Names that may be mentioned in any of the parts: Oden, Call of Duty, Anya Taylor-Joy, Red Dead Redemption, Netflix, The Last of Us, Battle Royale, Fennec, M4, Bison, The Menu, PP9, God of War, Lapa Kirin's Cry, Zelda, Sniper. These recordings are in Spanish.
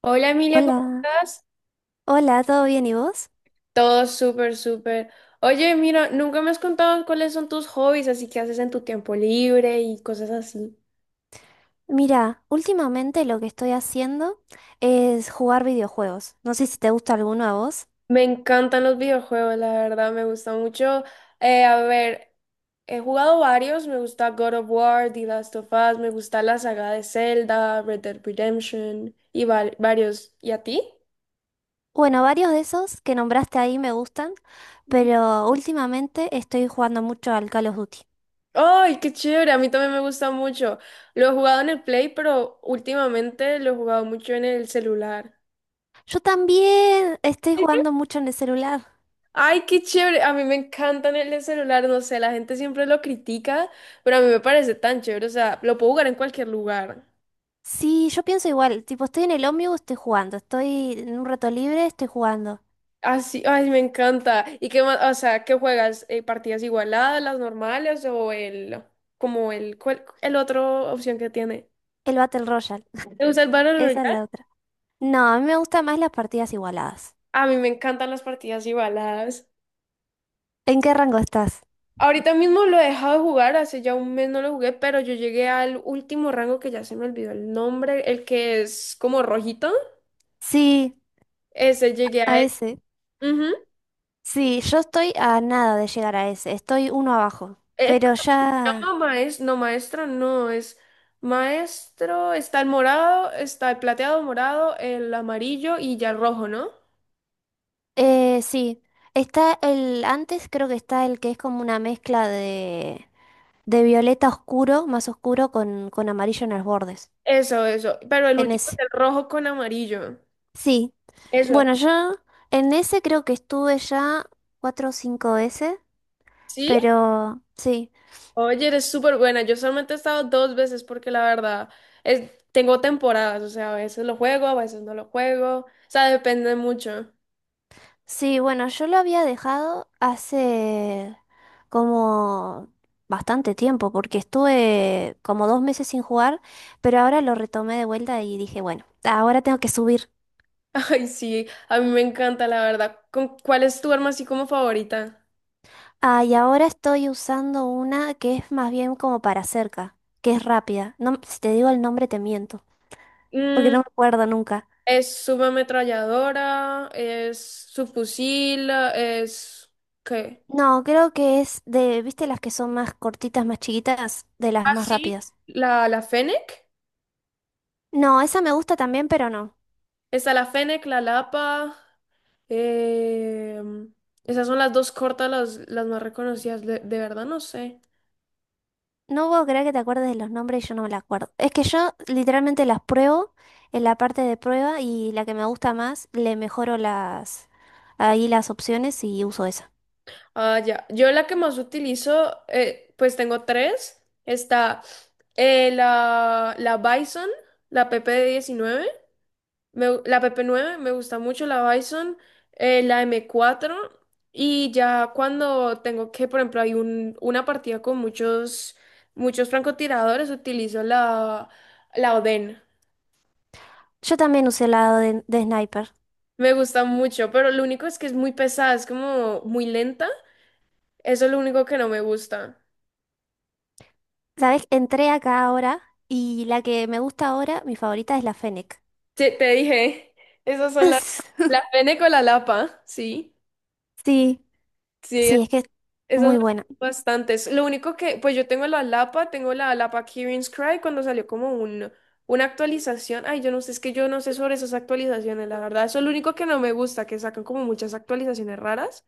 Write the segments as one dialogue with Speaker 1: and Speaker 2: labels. Speaker 1: Hola, Emilia, ¿cómo
Speaker 2: Hola,
Speaker 1: estás?
Speaker 2: hola, ¿todo bien y vos?
Speaker 1: Todo súper, súper. Oye, mira, nunca me has contado cuáles son tus hobbies, así que haces en tu tiempo libre y cosas así.
Speaker 2: Mira, últimamente lo que estoy haciendo es jugar videojuegos. No sé si te gusta alguno a vos.
Speaker 1: Me encantan los videojuegos, la verdad, me gusta mucho. A ver, he jugado varios, me gusta God of War, The Last of Us, me gusta la saga de Zelda, Red Dead Redemption y varios. ¿Y a ti?
Speaker 2: Bueno, varios de esos que nombraste ahí me gustan, pero últimamente estoy jugando mucho al Call of Duty.
Speaker 1: ¡Ay, qué chévere! A mí también me gusta mucho. Lo he jugado en el Play, pero últimamente lo he jugado mucho en el celular.
Speaker 2: Yo también estoy jugando mucho en el celular.
Speaker 1: Ay, qué chévere. A mí me encantan el celular, no sé, la gente siempre lo critica, pero a mí me parece tan chévere, o sea, lo puedo jugar en cualquier lugar.
Speaker 2: Sí, yo pienso igual, tipo estoy en el ómnibus, estoy jugando, estoy en un rato libre, estoy jugando.
Speaker 1: Así, ay, me encanta. ¿Y qué más? O sea, ¿qué juegas? ¿Partidas igualadas, las normales o el, como el, cuál- el otro opción que tiene?
Speaker 2: El Battle Royale,
Speaker 1: ¿Te gusta el Battle
Speaker 2: esa es
Speaker 1: Royale?
Speaker 2: la otra. No, a mí me gustan más las partidas igualadas.
Speaker 1: A mí me encantan las partidas igualadas.
Speaker 2: ¿En qué rango estás?
Speaker 1: Ahorita mismo lo he dejado de jugar, hace ya un mes no lo jugué, pero yo llegué al último rango que ya se me olvidó el nombre, el que es como rojito.
Speaker 2: Sí.
Speaker 1: Ese llegué
Speaker 2: A
Speaker 1: a.
Speaker 2: ese.
Speaker 1: Ujú.
Speaker 2: Sí, yo estoy a nada de llegar a ese. Estoy uno abajo.
Speaker 1: Eh,
Speaker 2: Pero ya.
Speaker 1: no, maestro, no, es maestro, está el morado, está el plateado morado, el amarillo y ya el rojo, ¿no?
Speaker 2: Sí. Está el. Antes creo que está el que es como una mezcla de violeta oscuro, más oscuro, con amarillo en los bordes.
Speaker 1: Eso, pero el
Speaker 2: En
Speaker 1: último es
Speaker 2: ese.
Speaker 1: el rojo con amarillo.
Speaker 2: Sí.
Speaker 1: Eso,
Speaker 2: Bueno, yo en ese creo que estuve ya cuatro o cinco veces.
Speaker 1: ¿sí?
Speaker 2: Pero sí.
Speaker 1: Oye, eres súper buena, yo solamente he estado dos veces porque la verdad, es, tengo temporadas, o sea, a veces lo juego, a veces no lo juego, o sea, depende mucho.
Speaker 2: Sí, bueno, yo lo había dejado hace como bastante tiempo, porque estuve como 2 meses sin jugar, pero ahora lo retomé de vuelta y dije, bueno, ahora tengo que subir.
Speaker 1: Ay, sí, a mí me encanta, la verdad. ¿Con, cuál es tu arma así como favorita?
Speaker 2: Ah, y ahora estoy usando una que es más bien como para cerca, que es rápida. No, si te digo el nombre te miento, porque no me acuerdo nunca.
Speaker 1: Es subametralladora, es subfusil, es, ¿qué?
Speaker 2: No, creo que es de, ¿viste las que son más cortitas, más chiquitas, de las
Speaker 1: Ah,
Speaker 2: más
Speaker 1: sí,
Speaker 2: rápidas?
Speaker 1: la Fennec.
Speaker 2: No, esa me gusta también, pero no.
Speaker 1: Está la Fennec, la Lapa. em, Esas son las dos cortas, las más reconocidas. De verdad no sé.
Speaker 2: No puedo creer que te acuerdes de los nombres y yo no me la acuerdo. Es que yo literalmente las pruebo en la parte de prueba y la que me gusta más, le mejoro las ahí las opciones y uso esa.
Speaker 1: Ah, ya. Yo la que más utilizo, pues tengo tres. Está la Bison, la PP19. La PP9 me gusta mucho, la Bison, la M4 y ya cuando tengo que, por ejemplo, hay un, una partida con muchos, muchos francotiradores, utilizo la Oden.
Speaker 2: Yo también usé la de Sniper.
Speaker 1: Me gusta mucho, pero lo único es que es muy pesada, es como muy lenta. Eso es lo único que no me gusta.
Speaker 2: ¿Sabes? Entré acá ahora y la que me gusta ahora, mi favorita es la Fennec.
Speaker 1: Te dije, esas son las, las Fene con la Lapa, sí.
Speaker 2: Sí,
Speaker 1: Sí,
Speaker 2: sí, es que es
Speaker 1: esas me gustan
Speaker 2: muy buena.
Speaker 1: bastantes. Lo único que, pues yo tengo la Lapa Kirin's Cry cuando salió como un, una actualización. Ay, yo no sé, es que yo no sé sobre esas actualizaciones, la verdad. Eso es lo único que no me gusta, que sacan como muchas actualizaciones raras.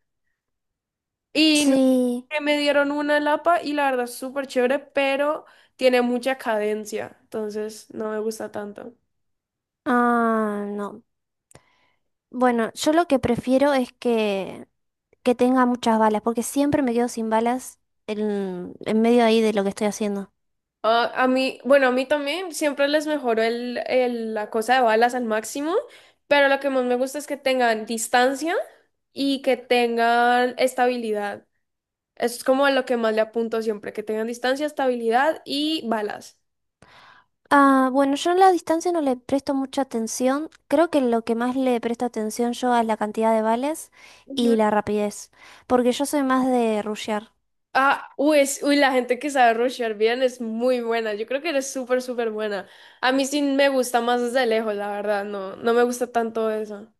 Speaker 1: Y no,
Speaker 2: Sí.
Speaker 1: que me dieron una Lapa y la verdad es súper chévere, pero tiene mucha cadencia. Entonces no me gusta tanto.
Speaker 2: Ah, no. Bueno, yo lo que prefiero es que tenga muchas balas, porque siempre me quedo sin balas en medio ahí de lo que estoy haciendo.
Speaker 1: A mí, bueno, a mí también siempre les mejoro la cosa de balas al máximo, pero lo que más me gusta es que tengan distancia y que tengan estabilidad. Eso es como lo que más le apunto siempre, que tengan distancia, estabilidad y balas.
Speaker 2: Ah, bueno, yo en la distancia no le presto mucha atención. Creo que lo que más le presto atención yo es la cantidad de balas
Speaker 1: Ujú.
Speaker 2: y la rapidez, porque yo soy más de rushear.
Speaker 1: Ah, uy, la gente que sabe rushear bien es muy buena. Yo creo que eres súper, súper buena. A mí sí me gusta más desde lejos, la verdad. No, no me gusta tanto eso.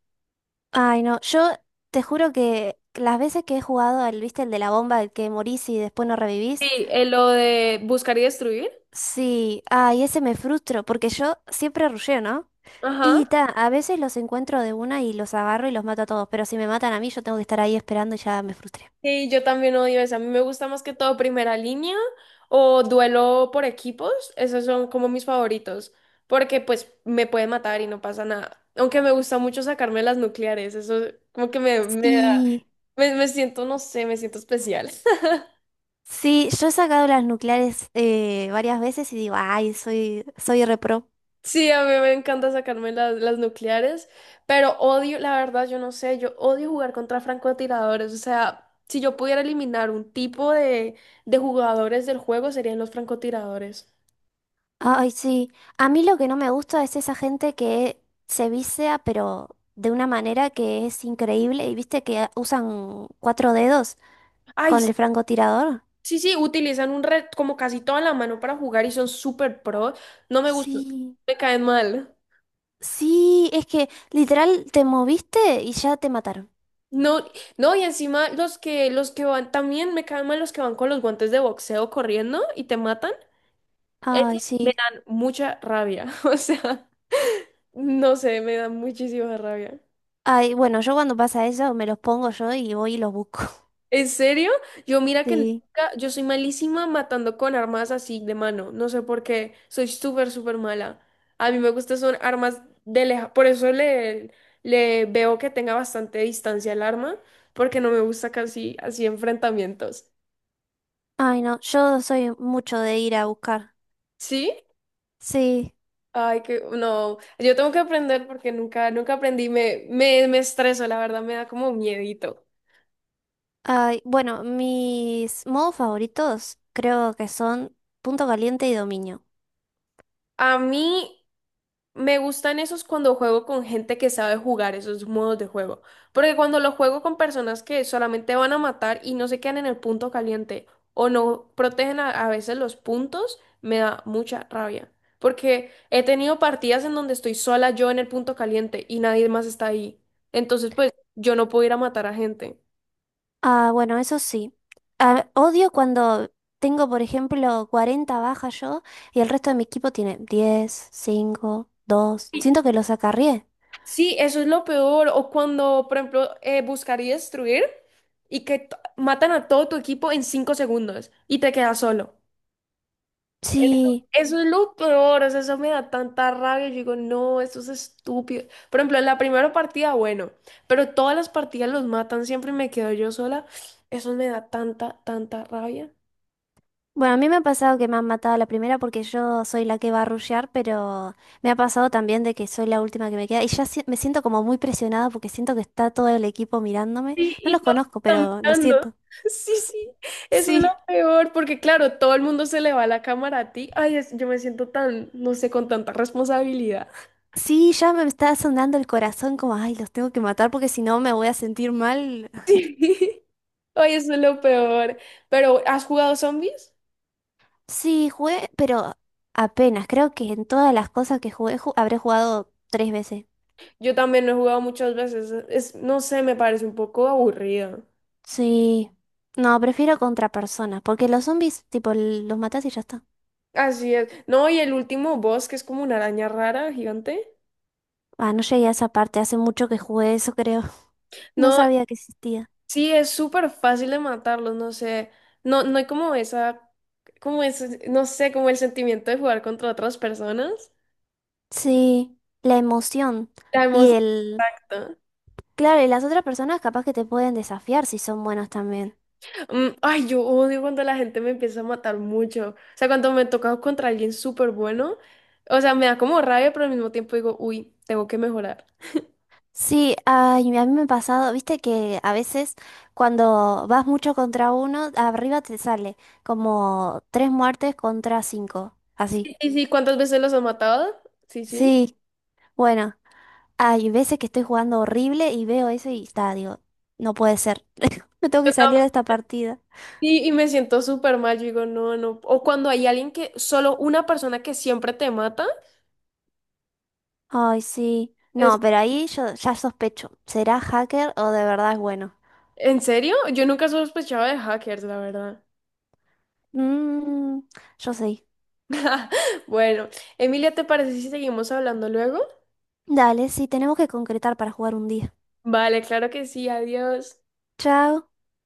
Speaker 2: Ay, no, yo te juro que las veces que he jugado al, viste, el de la bomba, el que morís y después no
Speaker 1: Sí,
Speaker 2: revivís,
Speaker 1: lo de buscar y destruir.
Speaker 2: sí, ay, ese me frustro, porque yo siempre rusheo, ¿no?
Speaker 1: Ajá.
Speaker 2: Y ta, a veces los encuentro de una y los agarro y los mato a todos, pero si me matan a mí, yo tengo que estar ahí esperando y ya me frustré.
Speaker 1: Sí, yo también odio eso. A mí me gusta más que todo primera línea o duelo por equipos. Esos son como mis favoritos, porque pues me pueden matar y no pasa nada. Aunque me gusta mucho sacarme las nucleares, eso como que me da,
Speaker 2: Sí,
Speaker 1: me siento, no sé, me siento especial.
Speaker 2: sí, yo he sacado las nucleares varias veces y digo, ay, soy repro.
Speaker 1: Sí, a mí me encanta sacarme las nucleares, pero odio, la verdad, yo no sé, yo odio jugar contra francotiradores. O sea, si yo pudiera eliminar un tipo de jugadores del juego, serían los francotiradores.
Speaker 2: Ay, sí. A mí lo que no me gusta es esa gente que se vicia, pero de una manera que es increíble. ¿Y viste que usan cuatro dedos
Speaker 1: Ay,
Speaker 2: con el francotirador?
Speaker 1: sí, sí, utilizan un red como casi toda la mano para jugar y son súper pro. No me gustan,
Speaker 2: Sí.
Speaker 1: me caen mal.
Speaker 2: Sí, es que literal te moviste y ya te mataron.
Speaker 1: No, no, y encima los que van, también me caen mal los que van con los guantes de boxeo corriendo y te matan.
Speaker 2: Ay,
Speaker 1: Esos me
Speaker 2: sí.
Speaker 1: dan mucha rabia. O sea, no sé, me dan muchísima rabia.
Speaker 2: Ay, bueno, yo cuando pasa eso me los pongo yo y voy y los busco.
Speaker 1: ¿En serio? Yo mira que
Speaker 2: Sí.
Speaker 1: nunca, yo soy malísima matando con armas así de mano. No sé por qué. Soy súper, súper mala. A mí me gustan son armas de leja. Por eso le veo que tenga bastante distancia el arma, porque no me gusta casi así enfrentamientos.
Speaker 2: Ay, no, yo soy mucho de ir a buscar.
Speaker 1: ¿Sí?
Speaker 2: Sí.
Speaker 1: Ay, que no. Yo tengo que aprender porque nunca, nunca aprendí. Me estreso, la verdad, me da como miedito.
Speaker 2: Ay, bueno, mis modos favoritos creo que son punto caliente y dominio.
Speaker 1: A mí me gustan esos cuando juego con gente que sabe jugar esos modos de juego. Porque cuando lo juego con personas que solamente van a matar y no se quedan en el punto caliente o no protegen a veces los puntos, me da mucha rabia. Porque he tenido partidas en donde estoy sola yo en el punto caliente y nadie más está ahí. Entonces, pues yo no puedo ir a matar a gente.
Speaker 2: Ah, bueno, eso sí. Ah, odio cuando tengo, por ejemplo, 40 bajas yo y el resto de mi equipo tiene 10, 5, 2. Siento que los acarrié.
Speaker 1: Sí, eso es lo peor. O cuando, por ejemplo, buscar y destruir y que matan a todo tu equipo en 5 segundos y te quedas solo.
Speaker 2: Sí.
Speaker 1: Eso es lo peor, o sea, eso me da tanta rabia. Yo digo, no, esto es estúpido. Por ejemplo, en la primera partida, bueno, pero todas las partidas los matan siempre y me quedo yo sola. Eso me da tanta, tanta rabia.
Speaker 2: Bueno, a mí me ha pasado que me han matado a la primera porque yo soy la que va a rushear, pero me ha pasado también de que soy la última que me queda y ya me siento como muy presionada porque siento que está todo el equipo mirándome.
Speaker 1: Sí,
Speaker 2: No
Speaker 1: y
Speaker 2: los
Speaker 1: todos
Speaker 2: conozco,
Speaker 1: están
Speaker 2: pero lo
Speaker 1: mirando.
Speaker 2: siento.
Speaker 1: Sí, sí, eso es lo
Speaker 2: Sí.
Speaker 1: peor, porque claro, todo el mundo se le va la cámara a ti. Ay, yo me siento tan, no sé, con tanta responsabilidad.
Speaker 2: Sí, ya me está sonando el corazón como, ay, los tengo que matar porque si no me voy a sentir mal.
Speaker 1: Sí. Ay, eso es lo peor. Pero, ¿has jugado zombies?
Speaker 2: Sí, jugué, pero apenas. Creo que en todas las cosas que jugué habré jugado tres veces.
Speaker 1: Yo también lo he jugado muchas veces. Es, no sé, me parece un poco aburrida.
Speaker 2: Sí. No, prefiero contra personas porque los zombies, tipo, los matas y ya está.
Speaker 1: Así es. No, y el último boss, que es como una araña rara, gigante.
Speaker 2: Ah, no llegué a esa parte, hace mucho que jugué eso, creo. No
Speaker 1: No,
Speaker 2: sabía que existía.
Speaker 1: sí, es súper fácil de matarlos, no sé. No, no hay como esa, como ese, no sé, como el sentimiento de jugar contra otras personas.
Speaker 2: Sí, la emoción.
Speaker 1: La
Speaker 2: Y
Speaker 1: emoción.
Speaker 2: el...
Speaker 1: ¿No?
Speaker 2: Claro, y las otras personas capaz que te pueden desafiar si son buenos también.
Speaker 1: Mm, ay, yo odio cuando la gente me empieza a matar mucho. O sea, cuando me toca contra alguien súper bueno, o sea, me da como rabia, pero al mismo tiempo digo, uy, tengo que mejorar.
Speaker 2: Sí, ay, a mí me ha pasado, viste que a veces cuando vas mucho contra uno, arriba te sale como tres muertes contra cinco, así.
Speaker 1: Sí, sí, ¿cuántas veces los ha matado? Sí, sí.
Speaker 2: Sí, bueno, hay veces que estoy jugando horrible y veo eso y está, digo, no puede ser, me tengo
Speaker 1: Yo
Speaker 2: que
Speaker 1: tam-
Speaker 2: salir de esta partida.
Speaker 1: Sí, y me siento súper mal, yo digo, no, no. O cuando hay alguien que, solo una persona que siempre te mata,
Speaker 2: Ay, sí.
Speaker 1: es,
Speaker 2: No, pero ahí yo ya sospecho. ¿Será hacker o de verdad es bueno?
Speaker 1: ¿en serio? Yo nunca sospechaba de hackers, la verdad.
Speaker 2: Mmm, yo sí.
Speaker 1: Bueno, Emilia, ¿te parece si seguimos hablando luego?
Speaker 2: Dale, sí, tenemos que concretar para jugar un día.
Speaker 1: Vale, claro que sí, adiós.
Speaker 2: Chao.